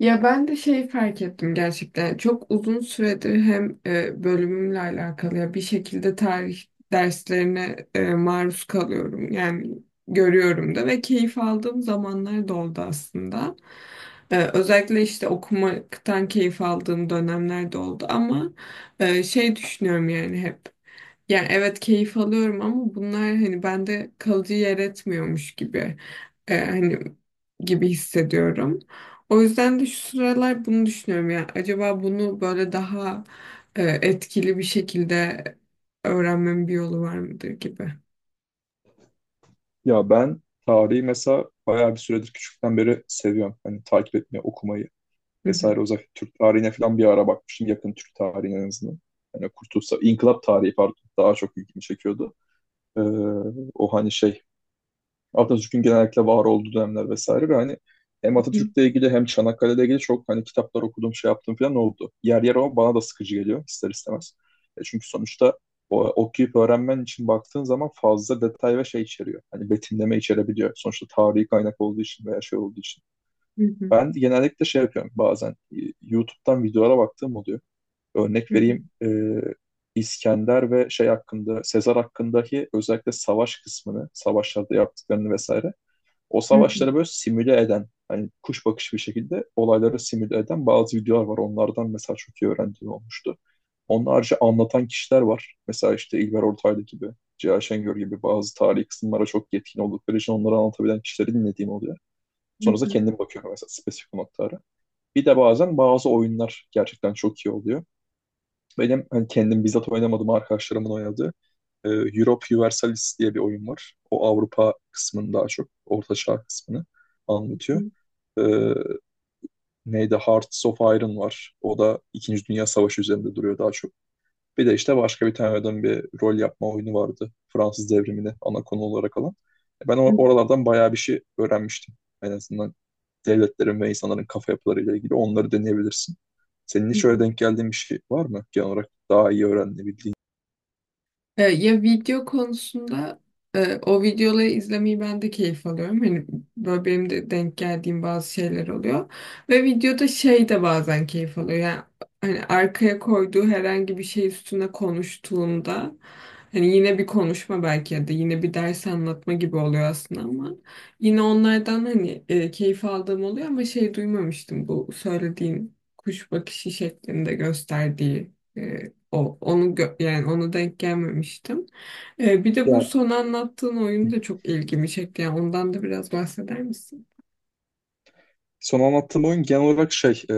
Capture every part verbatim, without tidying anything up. Ya ben de şeyi fark ettim gerçekten. Çok uzun süredir hem e, bölümümle alakalı ya bir şekilde tarih derslerine e, maruz kalıyorum. Yani görüyorum da ve keyif aldığım zamanlar da oldu aslında. E, özellikle işte okumaktan keyif aldığım dönemler de oldu ama e, şey düşünüyorum yani hep. Yani evet keyif alıyorum ama bunlar hani bende kalıcı yer etmiyormuş gibi e, hani gibi hissediyorum. O yüzden de şu sıralar bunu düşünüyorum ya. Acaba bunu böyle daha e, etkili bir şekilde öğrenmemin bir yolu var mıdır gibi. Ya ben tarihi mesela bayağı bir süredir küçükten beri seviyorum. Hani takip etmeyi, okumayı Hı hı. vesaire. Özellikle Türk tarihine falan bir ara bakmıştım. Yakın Türk tarihine en azından. Hani Kurtuluş, Sa- İnkılap tarihi pardon daha çok ilgimi çekiyordu. Ee, o hani şey Atatürk'ün genellikle var olduğu dönemler vesaire ve hani Hı hem hı. Atatürk'le ilgili hem Çanakkale'yle ilgili çok hani kitaplar okudum şey yaptım falan oldu. Yer yer ama bana da sıkıcı geliyor ister istemez. E çünkü sonuçta o, okuyup öğrenmen için baktığın zaman fazla detay ve şey içeriyor. Hani betimleme içerebiliyor. Sonuçta tarihi kaynak olduğu için veya şey olduğu için. Hı hı. Ben genellikle şey yapıyorum bazen e, YouTube'dan videolara baktığım oluyor. Hı Örnek hı. vereyim e, İskender ve şey hakkında, Sezar hakkındaki özellikle savaş kısmını, savaşlarda yaptıklarını vesaire o Hı savaşları böyle simüle eden, hani kuş bakışı bir şekilde olayları simüle eden bazı videolar var. Onlardan mesela çok iyi öğrendiğim olmuştu. Onun harici anlatan kişiler var. Mesela işte İlber Ortaylı gibi, Cihan Şengör gibi bazı tarihi kısımlara çok yetkin oldukları için onları anlatabilen kişileri dinlediğim oluyor. Sonrasında hı. kendim bakıyorum mesela spesifik noktalara. Bir de bazen bazı oyunlar gerçekten çok iyi oluyor. Benim hani kendim bizzat oynamadım arkadaşlarımın oynadığı e, Europe Universalis diye bir oyun var. O Avrupa kısmını daha çok, Orta Çağ kısmını anlatıyor. Hı E, neydi? Hearts of Iron var. O da İkinci Dünya Savaşı üzerinde duruyor daha çok. Bir de işte başka bir tane adam bir rol yapma oyunu vardı. Fransız devrimini ana konu olarak alan. Ben or- hı. oralardan bayağı bir şey öğrenmiştim. En azından devletlerin ve insanların kafa yapılarıyla ilgili onları deneyebilirsin. Senin Hı hiç öyle hı. denk geldiğin bir şey var mı? Genel olarak daha iyi öğrenebildiğin. E, ya video konusunda e, o videoları izlemeyi ben de keyif alıyorum. Hani böyle benim de denk geldiğim bazı şeyler oluyor. Ve videoda şey de bazen keyif alıyor. Yani hani arkaya koyduğu herhangi bir şey üstüne konuştuğunda hani yine bir konuşma belki ya da yine bir ders anlatma gibi oluyor aslında ama yine onlardan hani e, keyif aldığım oluyor ama şey duymamıştım bu söylediğin kuş bakışı şeklinde gösterdiği e, o, onu gö- yani ona denk gelmemiştim. Ee, bir de bu Ya son anlattığın oyun da çok ilgimi çekti. Yani ondan da biraz bahseder misin? son anlattığım oyun genel olarak şey, e,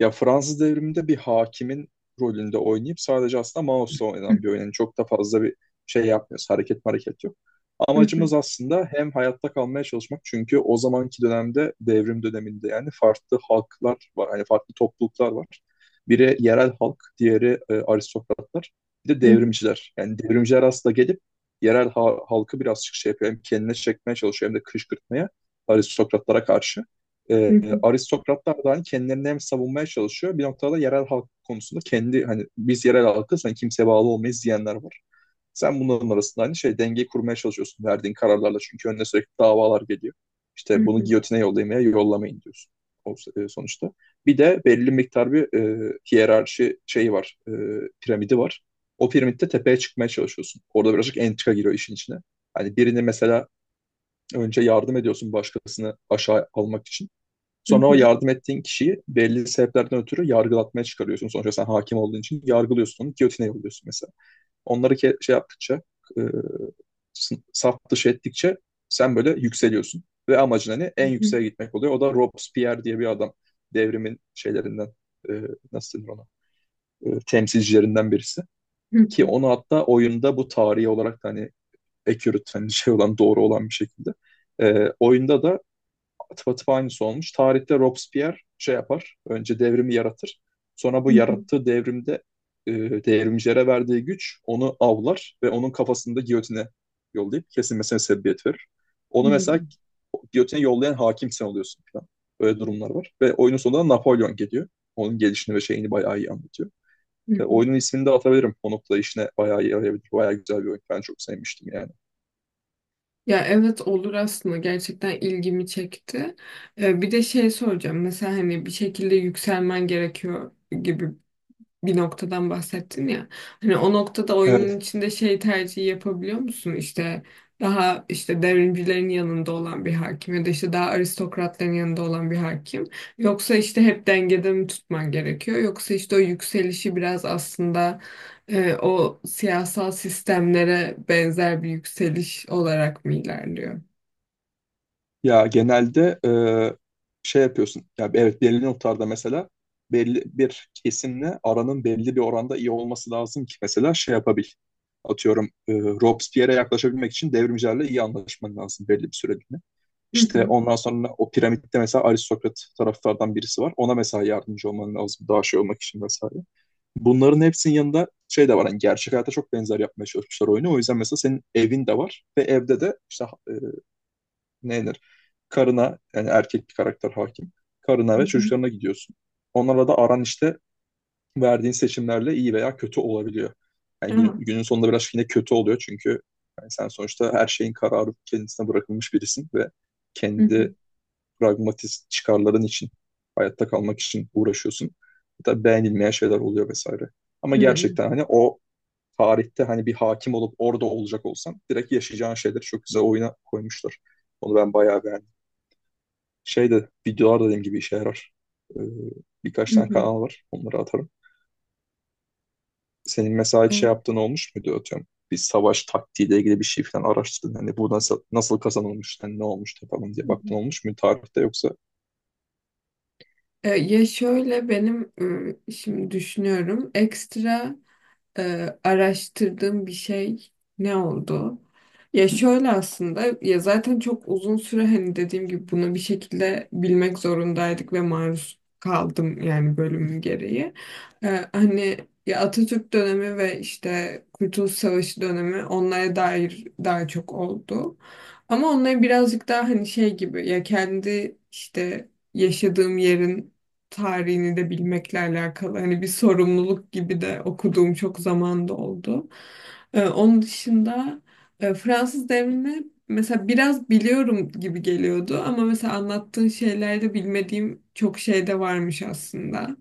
ya Fransız devriminde bir hakimin rolünde oynayıp sadece aslında mouse'la oynanan bir oyun. Yani çok da fazla bir şey yapmıyoruz. Hareket hareket yok. Amacımız aslında hem hayatta kalmaya çalışmak çünkü o zamanki dönemde devrim döneminde yani farklı halklar var. Hani farklı topluluklar var. Biri yerel halk, diğeri e, aristokratlar. Bir de devrimciler. Yani devrimciler aslında gelip yerel ha- halkı birazcık şey yapıyor. Hem kendine çekmeye çalışıyor hem de kışkırtmaya aristokratlara karşı e, aristokratlar da hani kendilerini hem savunmaya çalışıyor bir noktada yerel halk konusunda kendi hani biz yerel halkız hani kimseye bağlı olmayız diyenler var. Sen bunların arasında hani şey dengeyi kurmaya çalışıyorsun verdiğin kararlarla çünkü önüne sürekli davalar geliyor. İşte bunu giyotine yollayın veya yollamayın diyorsun o, e, sonuçta. Bir de belli miktar bir e, hiyerarşi şeyi var, e, piramidi var. O piramitte tepeye çıkmaya çalışıyorsun. Orada birazcık entrika giriyor işin içine. Hani birini mesela önce yardım ediyorsun başkasını aşağı almak için. Sonra o yardım ettiğin kişiyi belli sebeplerden ötürü yargılatmaya çıkarıyorsun. Sonuçta sen hakim olduğun için yargılıyorsun onu, giyotine yolluyorsun mesela. Onları ke- şey yaptıkça, e, saf dışı ettikçe sen böyle yükseliyorsun. Ve amacın hani en yükseğe gitmek oluyor. O da Robespierre diye bir adam. Devrimin şeylerinden, e, nasıl denir ona, E, temsilcilerinden birisi. Ki onu hatta oyunda bu tarihi olarak da hani accurate, hani şey olan, doğru olan bir şekilde. E, oyunda da atıp atıp aynısı olmuş. Tarihte Robespierre şey yapar. Önce devrimi yaratır. Sonra bu yarattığı devrimde e, devrimcilere verdiği güç onu avlar ve onun kafasında giyotine yollayıp kesilmesine sebebiyet verir. Onu mesela giyotine yollayan hakim sen oluyorsun falan. Öyle durumlar var. Ve oyunun sonunda Napolyon geliyor. Onun gelişini ve şeyini bayağı iyi anlatıyor. Ve oyunun ismini de atabilirim. O noktada işine bayağı iyi yarayabilir. Bayağı güzel bir oyun. Ben çok sevmiştim yani. Ya evet olur aslında gerçekten ilgimi çekti. Ee, bir de şey soracağım. Mesela hani bir şekilde yükselmen gerekiyor gibi bir noktadan bahsettin ya. Hani o noktada oyunun Evet. içinde şey tercihi yapabiliyor musun? İşte daha işte devrimcilerin yanında olan bir hakim ya da işte daha aristokratların yanında olan bir hakim. Yoksa işte hep dengede mi tutman gerekiyor? Yoksa işte o yükselişi biraz aslında e, o siyasal sistemlere benzer bir yükseliş olarak mı ilerliyor? Ya genelde e, şey yapıyorsun. Ya evet belli noktalarda mesela belli bir kesimle aranın belli bir oranda iyi olması lazım ki mesela şey yapabil. Atıyorum e, Robespierre'e yaklaşabilmek için devrimcilerle iyi anlaşman lazım belli bir süreliğine. Hı İşte hı. ondan sonra o piramitte mesela aristokrat taraftardan birisi var. Ona mesela yardımcı olman lazım daha şey olmak için vesaire. Bunların hepsinin yanında şey de var. Hani gerçek hayata çok benzer yapmaya çalışmışlar oyunu. O yüzden mesela senin evin de var ve evde de işte ne karına yani erkek bir karakter hakim. Karına Hı ve hı. çocuklarına gidiyorsun. Onlarla da aran işte verdiğin seçimlerle iyi veya kötü olabiliyor. Yani Aa, günün, günün sonunda biraz yine kötü oluyor çünkü yani sen sonuçta her şeyin kararı kendisine bırakılmış birisin ve hı kendi hı. pragmatist çıkarların için hayatta kalmak için uğraşıyorsun. Hatta beğenilmeyen şeyler oluyor vesaire. Ama Hı hı, gerçekten hani o tarihte hani bir hakim olup orada olacak olsan direkt yaşayacağın şeyleri çok güzel oyuna koymuşlar. Onu ben bayağı beğendim. Şey de videolar da dediğim gibi işe yarar. Ee, birkaç hı tane hı, kanal var. Onları atarım. Senin mesela hiç şey evet, yaptığın olmuş muydu atıyorum? Bir savaş taktiğiyle ilgili bir şey falan araştırdın. Hani bu nasıl, nasıl kazanılmış, hani ne olmuş falan diye hı baktın hı. olmuş mu tarihte yoksa? E, Ya şöyle benim e, şimdi düşünüyorum ekstra e, araştırdığım bir şey ne oldu? Ya şöyle aslında ya zaten çok uzun süre hani dediğim gibi bunu bir şekilde bilmek zorundaydık ve maruz kaldım yani bölümün gereği. E, hani ya Atatürk dönemi ve işte Kurtuluş Savaşı dönemi onlara dair daha çok oldu. Ama onları birazcık daha hani şey gibi ya kendi işte yaşadığım yerin tarihini de bilmekle alakalı hani bir sorumluluk gibi de okuduğum çok zamanda oldu. Ee, onun dışında e, Fransız devrini mesela biraz biliyorum gibi geliyordu ama mesela anlattığın şeylerde bilmediğim çok şey de varmış aslında.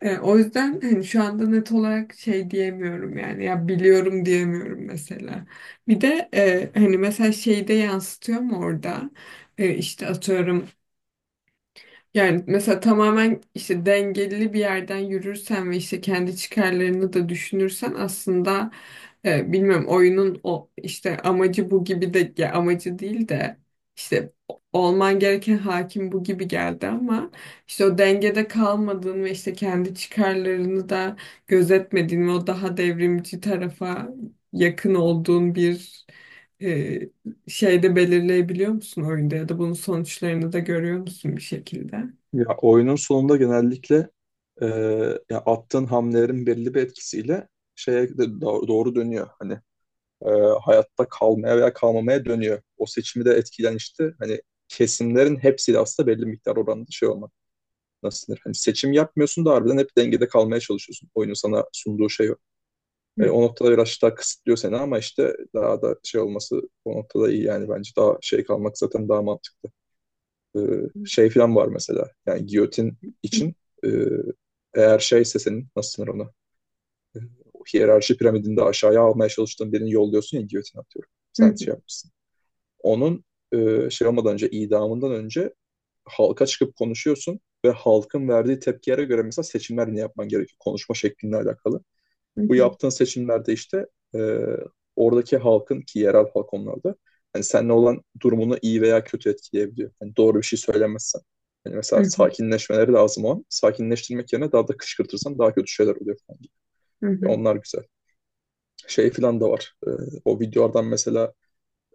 Ee, o yüzden hani şu anda net olarak şey diyemiyorum yani ya biliyorum diyemiyorum mesela. Bir de e, hani Anladım. mesela şeyde yansıtıyor mu orada? E, işte atıyorum yani mesela tamamen işte dengeli bir yerden yürürsen ve işte kendi çıkarlarını da düşünürsen aslında e, bilmiyorum oyunun o işte amacı bu gibi de ya amacı değil de işte olman gereken hakim bu gibi geldi ama işte o dengede kalmadığın ve işte kendi çıkarlarını da gözetmediğin ve o daha devrimci tarafa yakın olduğun bir e, şeyde belirleyebiliyor musun oyunda ya da bunun sonuçlarını da görüyor musun bir şekilde? Ya oyunun sonunda genellikle e, ya attığın hamlelerin belli bir etkisiyle şeye de do- doğru, dönüyor. Hani e, hayatta kalmaya veya kalmamaya dönüyor. O seçimi de etkilen işte hani kesimlerin hepsiyle aslında belli miktar oranda şey olmak. Nasıl denir? Hani seçim yapmıyorsun da harbiden hep dengede kalmaya çalışıyorsun. Oyunun sana sunduğu şey o. E, o noktada biraz daha kısıtlıyor seni ama işte daha da şey olması o noktada iyi yani bence daha şey kalmak zaten daha mantıklı. E, şey falan var mesela yani giyotin için e, eğer şeyse senin nasıl denir ona? E, hiyerarşi piramidinde aşağıya almaya çalıştığın birini yolluyorsun ya giyotin atıyorum. Sen şey yapmışsın. Onun e, şey olmadan önce, idamından önce halka çıkıp konuşuyorsun ve halkın verdiği tepkilere göre mesela seçimler ne yapman gerekiyor konuşma şeklinle alakalı. Bu yaptığın seçimlerde işte e, oradaki halkın ki yerel halk onlarda hani seninle olan durumunu iyi veya kötü etkileyebiliyor. Hani doğru bir şey söylemezsen. Yani mesela sakinleşmeleri lazım o an. Sakinleştirmek yerine daha da kışkırtırsan daha kötü şeyler oluyor falan. E, onlar güzel. Şey falan da var. E, o videolardan mesela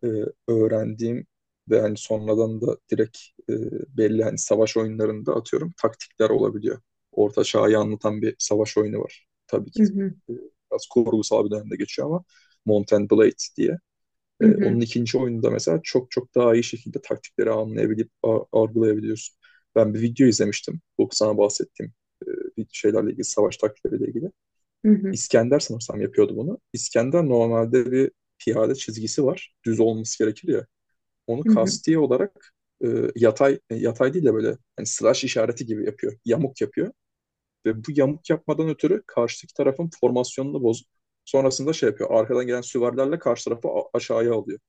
e, öğrendiğim ve hani sonradan da direkt e, belli hani savaş oyunlarında atıyorum taktikler olabiliyor. Orta Çağ'ı anlatan bir savaş oyunu var. Tabii ki e, biraz kurgusal bir dönemde geçiyor ama Mount and Blade diye. E, onun ikinci oyununda mesela çok çok daha iyi şekilde taktikleri anlayabilip a- algılayabiliyorsun. Ben bir video izlemiştim. Bu sana bahsettiğim e, bir şeylerle ilgili, savaş taktikleriyle ilgili. İskender sanırsam yapıyordu bunu. İskender normalde bir piyade çizgisi var. Düz olması gerekir ya onu kasti olarak e, yatay e, yatay değil de böyle hani slash işareti gibi yapıyor. Yamuk yapıyor. Ve bu yamuk yapmadan ötürü karşıdaki tarafın formasyonunu bozup sonrasında şey yapıyor. Arkadan gelen süvarilerle karşı tarafı aşağıya alıyor.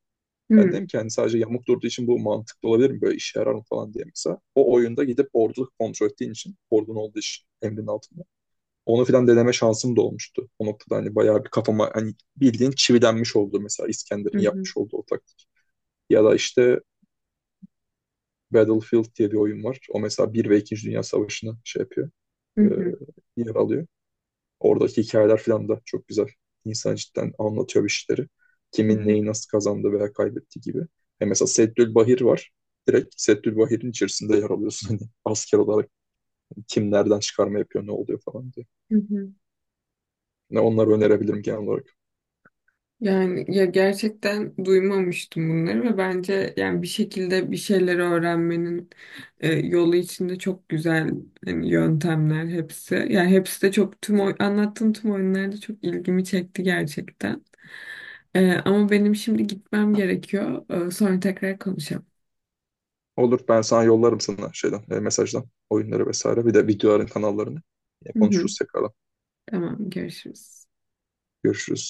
Ben dedim ki hani sadece yamuk durduğu için bu mantıklı olabilir mi? Böyle işe yarar mı falan diye mesela. O oyunda gidip ordu kontrol ettiğin için, ordun olduğu için emrin altında. Onu filan deneme şansım da olmuştu. O noktada hani bayağı bir kafama hani bildiğin çivilenmiş oldu mesela İskender'in yapmış olduğu o taktik. Ya da işte Battlefield diye bir oyun var. O mesela bir ve ikinci Dünya Savaşı'nı şey yapıyor. E, yer alıyor. Oradaki hikayeler falan da çok güzel. İnsan cidden anlatıyor işleri. Kimin neyi nasıl kazandı veya kaybetti gibi. E mesela Seddül Bahir var. Direkt Seddül Bahir'in içerisinde yer alıyorsun. Hani asker olarak kim nereden çıkarma yapıyor, ne oluyor falan diye. Ne onları önerebilirim genel olarak. Yani ya gerçekten duymamıştım bunları ve bence yani bir şekilde bir şeyleri öğrenmenin e, yolu içinde çok güzel hani yöntemler hepsi. Yani hepsi de çok tüm oy- anlattığın tüm oyunlarda çok ilgimi çekti gerçekten. E, ama benim şimdi gitmem gerekiyor. E, sonra tekrar konuşalım. Olur ben sana yollarım sana şeyden, e, mesajdan oyunları vesaire. Bir de videoların kanallarını. E, Hı hı, konuşuruz tekrardan. tamam görüşürüz. Görüşürüz.